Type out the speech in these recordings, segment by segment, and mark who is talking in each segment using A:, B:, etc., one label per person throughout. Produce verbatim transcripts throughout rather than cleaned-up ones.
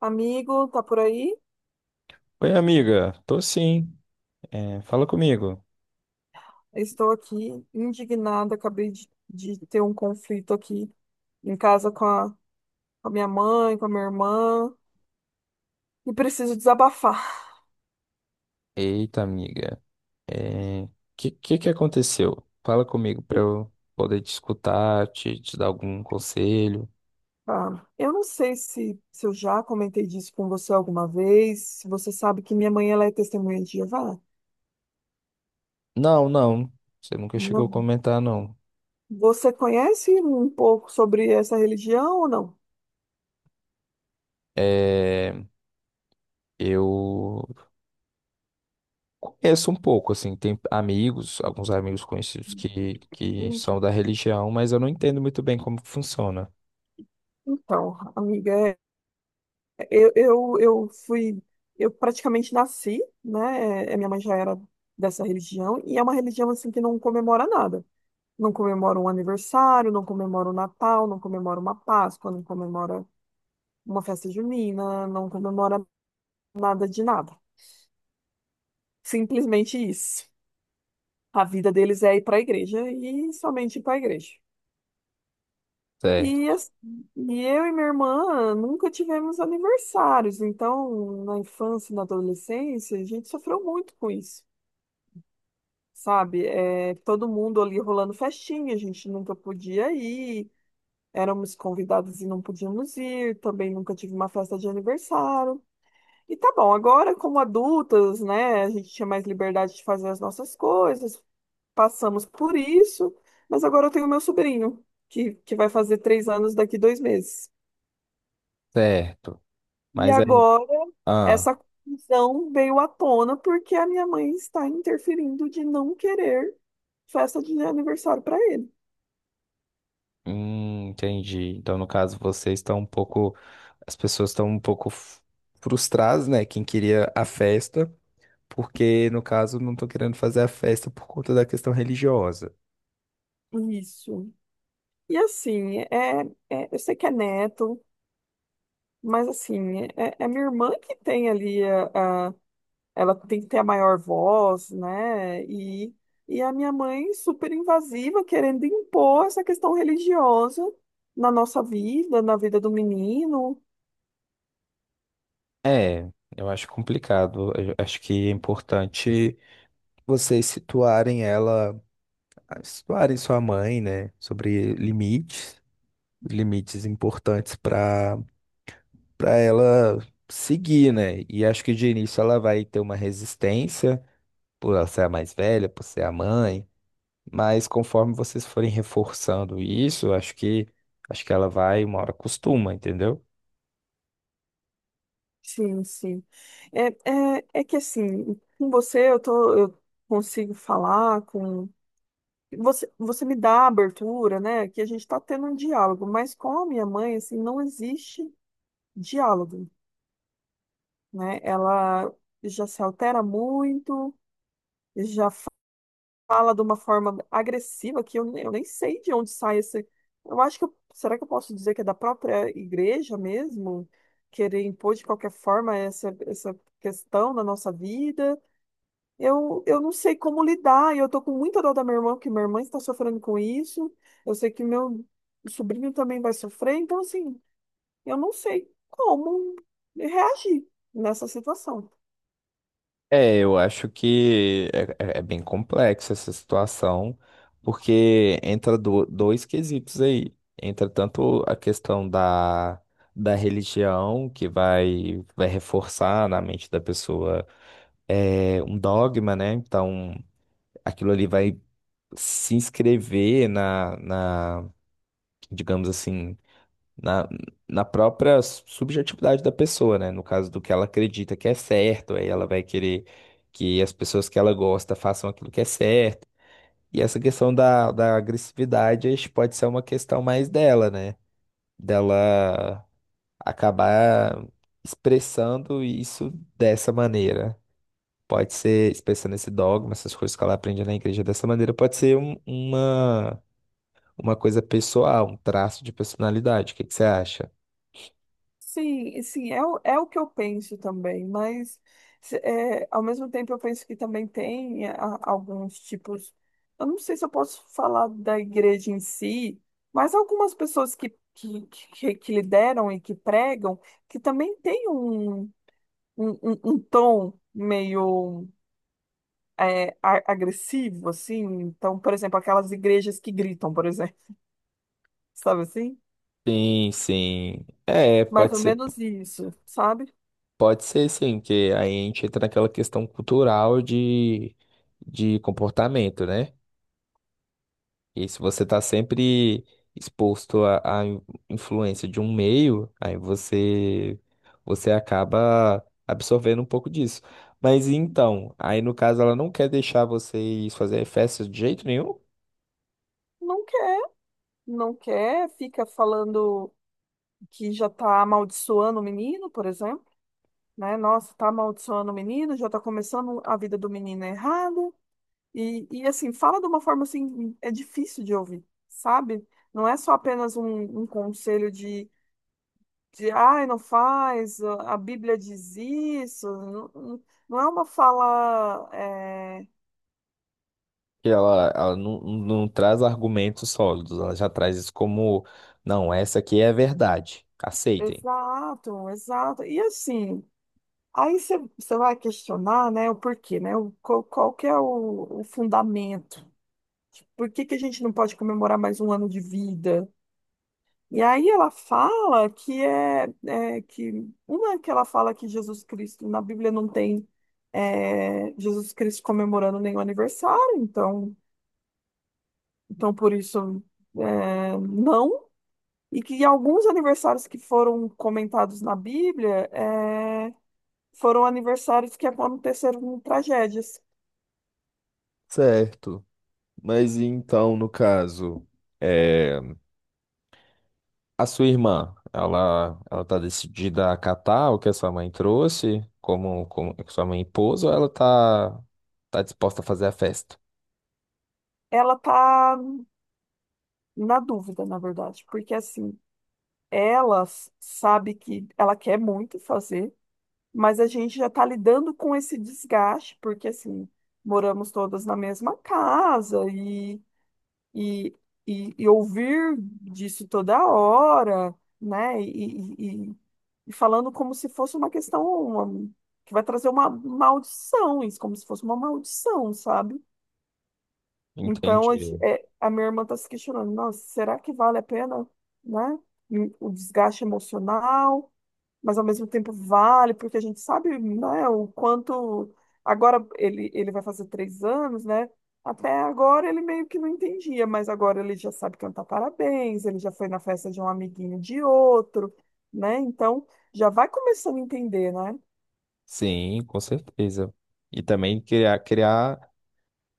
A: Amigo, tá por aí?
B: Oi, amiga. Tô sim. É, fala comigo.
A: Estou aqui indignada. Acabei de, de ter um conflito aqui em casa com a, com a minha mãe, com a minha irmã, e preciso desabafar.
B: Eita, amiga. É, que, que que aconteceu? Fala comigo pra eu poder te escutar, te, te dar algum conselho.
A: Tá? Eu não sei se, se eu já comentei disso com você alguma vez, se você sabe que minha mãe ela é testemunha de Jeová.
B: Não, não. Você nunca chegou a
A: Não.
B: comentar, não.
A: Você conhece um pouco sobre essa religião ou não?
B: É, eu conheço um pouco, assim. Tem amigos, alguns amigos conhecidos que, que
A: Entendi.
B: são da religião, mas eu não entendo muito bem como funciona.
A: Então, amiga, é Eu, eu, eu fui, eu praticamente nasci, né? é, Minha mãe já era dessa religião, e é uma religião assim que não comemora nada. Não comemora um aniversário, não comemora um Natal, não comemora uma Páscoa, não comemora uma festa junina, não comemora nada de nada. Simplesmente isso. A vida deles é ir para a igreja e somente ir para a igreja. E,
B: Certo,
A: as- e eu e minha irmã nunca tivemos aniversários, então na infância e na adolescência a gente sofreu muito com isso. Sabe? É, todo mundo ali rolando festinha, a gente nunca podia ir, éramos convidados e não podíamos ir, também nunca tive uma festa de aniversário. E tá bom, agora como adultas, né, a gente tinha mais liberdade de fazer as nossas coisas, passamos por isso, mas agora eu tenho meu sobrinho, que, que vai fazer três anos daqui dois meses.
B: certo.
A: E
B: Mas aí.
A: agora
B: Ah.
A: essa confusão veio à tona porque a minha mãe está interferindo de não querer festa de aniversário para ele.
B: Hum, entendi. Então, no caso, vocês estão um pouco. As pessoas estão um pouco f- frustradas, né? Quem queria a festa, porque, no caso, não estão querendo fazer a festa por conta da questão religiosa.
A: Isso. E assim, é, é- eu sei que é neto, mas assim, é, é minha irmã que tem ali a, a- ela tem que ter a maior voz, né? E, e a minha mãe super invasiva, querendo impor essa questão religiosa na nossa vida, na vida do menino.
B: É, eu acho complicado. Eu acho que é importante vocês situarem ela, situarem sua mãe, né? Sobre limites, limites importantes para para ela seguir, né? E acho que de início ela vai ter uma resistência por ela ser a mais velha, por ser a mãe. Mas conforme vocês forem reforçando isso, eu acho que acho que ela vai uma hora costuma, entendeu?
A: Sim, sim. É, é, é que assim, com você eu tô, eu consigo falar com. Você, você me dá a abertura, né? Que a gente está tendo um diálogo, mas com a minha mãe, assim, não existe diálogo, né? Ela já se altera muito, já fala de uma forma agressiva que eu, nem- eu nem sei de onde sai esse. Eu acho que eu- será que eu posso dizer que é da própria igreja mesmo? Querer impor de qualquer forma essa, essa questão na nossa vida? Eu, eu não sei como lidar, e eu tô com muita dor da minha irmã, porque minha irmã está sofrendo com isso. Eu sei que meu sobrinho também vai sofrer, então assim, eu não sei como reagir nessa situação.
B: É, eu acho que é, é- É bem complexa essa situação, porque entra do- dois quesitos aí. Entra tanto a questão da, da religião, que vai, vai reforçar na mente da pessoa é, um dogma, né? Então, aquilo ali vai se inscrever na, na, digamos assim, na, na própria subjetividade da pessoa, né? No caso do que ela acredita que é certo, aí ela vai querer que as pessoas que ela gosta façam aquilo que é certo. E essa questão da, da agressividade acho que pode ser uma questão mais dela, né? Dela acabar expressando isso dessa maneira. Pode ser expressando esse dogma, essas coisas que ela aprende na igreja dessa maneira, pode ser um- uma, uma coisa pessoal, um traço de personalidade. O que que você acha?
A: Sim, e sim, é, o- é o que eu penso também, mas se- é, ao mesmo tempo eu penso que também tem a- alguns tipos. Eu não sei se eu posso falar da igreja em si, mas algumas pessoas que, que, que, que lideram e que pregam, que também têm um. um, um- um tom meio é, a- agressivo, assim. Então, por exemplo, aquelas igrejas que gritam, por exemplo, sabe assim?
B: Sim, sim. É,
A: Mais
B: pode
A: ou
B: ser,
A: menos isso, sabe?
B: pode ser sim, que aí a gente entra naquela questão cultural de, de comportamento, né? E se você tá sempre exposto à, à influência de um meio, aí você, você acaba absorvendo um pouco disso. Mas então, aí no caso ela não quer deixar vocês fazerem festas de jeito nenhum?
A: Não quer, não quer, fica falando que já tá amaldiçoando o menino, por exemplo, né? Nossa, tá amaldiçoando o menino, já tá começando a vida do menino errada. E, e assim, fala de uma forma assim, é difícil de ouvir, sabe? Não é só apenas um, um conselho de ai, não faz, a Bíblia diz isso, não, não não é uma fala é,
B: Que ela, ela não, não traz argumentos sólidos, ela já traz isso como: não, essa aqui é a verdade, aceitem.
A: Exato, exato. E assim, aí você você vai questionar, né, o porquê, né? O, qual, qual que é o, o fundamento? Por que que a gente não pode comemorar mais um ano de vida? E aí ela fala que é, é que uma é que ela fala que Jesus Cristo na Bíblia não tem é, Jesus Cristo comemorando nenhum aniversário, então. Então, por isso, é, não. E que alguns aniversários que foram comentados na Bíblia é, foram aniversários que aconteceram tragédias.
B: Certo. Mas e então, no caso, é, a sua irmã, ela, ela tá decidida a acatar o que a sua mãe trouxe, como, como que sua mãe impôs, ou ela tá, tá disposta a fazer a festa?
A: Ela tá na dúvida, na verdade, porque assim, ela s- sabe que ela quer muito fazer, mas a gente já tá lidando com esse desgaste, porque assim, moramos todas na mesma casa e, e, e, e ouvir disso toda hora, né? E, e, E falando como se fosse uma questão uma- que vai trazer uma maldição, isso, como se fosse uma maldição, sabe? Então, a, gente-
B: Entendi.
A: é, a minha irmã está se questionando, nossa, será que vale a pena, né? E o desgaste emocional, mas ao mesmo tempo vale, porque a gente sabe, né, o quanto. Agora ele, ele vai fazer três anos, né? Até agora ele meio que não entendia, mas agora ele já sabe cantar parabéns, ele já foi na festa de um amiguinho de outro, né? Então já vai começando a entender, né?
B: Sim, com certeza. E também criar, criar,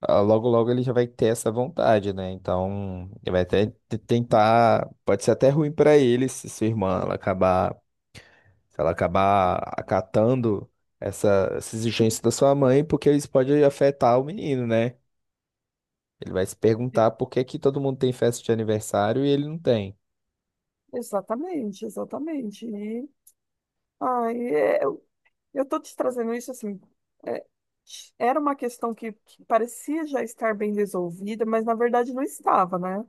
B: ah, logo logo ele já vai ter essa vontade, né? Então, ele vai até te- tentar, pode ser até ruim pra ele se sua irmã ela acabar, se ela acabar acatando essa, essa exigência da sua mãe, porque isso pode afetar o menino, né? Ele vai se perguntar por que que todo mundo tem festa de aniversário e ele não tem,
A: Exatamente, exatamente. E, ai, é, Eu estou te trazendo isso assim. é, Era uma questão que, que parecia já estar bem resolvida, mas na verdade não estava, né?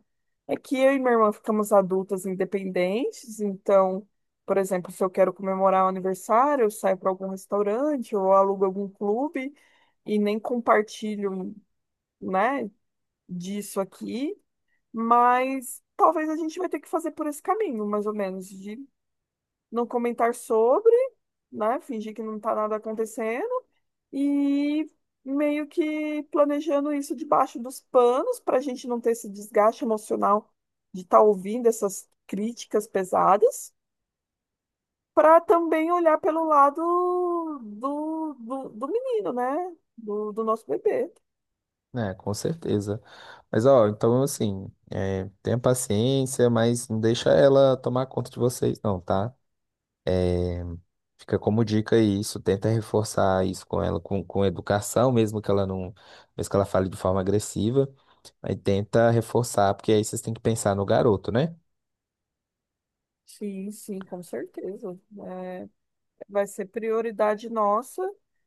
A: É que eu e minha irmã ficamos adultas independentes, então, por exemplo, se eu quero comemorar um aniversário, eu saio para algum restaurante ou alugo algum clube e nem compartilho, né, disso aqui, mas talvez a gente vai ter que fazer por esse caminho, mais ou menos, de não comentar sobre, né, fingir que não está nada acontecendo e meio que planejando isso debaixo dos panos para a gente não ter esse desgaste emocional de estar ouvindo essas críticas pesadas, para também olhar pelo lado do, do, do menino, né? Do, do nosso bebê.
B: né? Com certeza. Mas ó, então assim, é, tenha paciência, mas não deixa ela tomar conta de vocês, não, tá? Fica como dica aí, isso, tenta reforçar isso com ela, com, com educação, mesmo que ela não, mesmo que ela fale de forma agressiva, aí tenta reforçar, porque aí vocês têm que pensar no garoto, né?
A: Sim, sim, com certeza. É, vai ser prioridade nossa,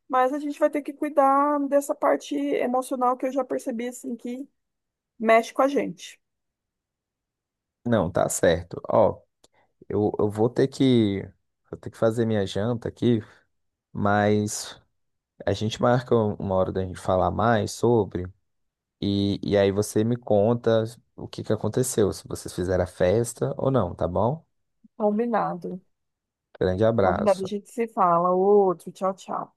A: mas a gente vai ter que cuidar dessa parte emocional que eu já percebi assim que mexe com a gente.
B: Não, tá certo. Ó, eu, eu vou ter que, vou ter que fazer minha janta aqui, mas a gente marca um- uma hora da gente falar mais sobre, e, e aí você me conta o que que aconteceu, se vocês fizeram a festa ou não, tá bom?
A: Combinado.
B: Grande
A: Combinado, a
B: abraço.
A: gente se fala. Outro, tchau, tchau.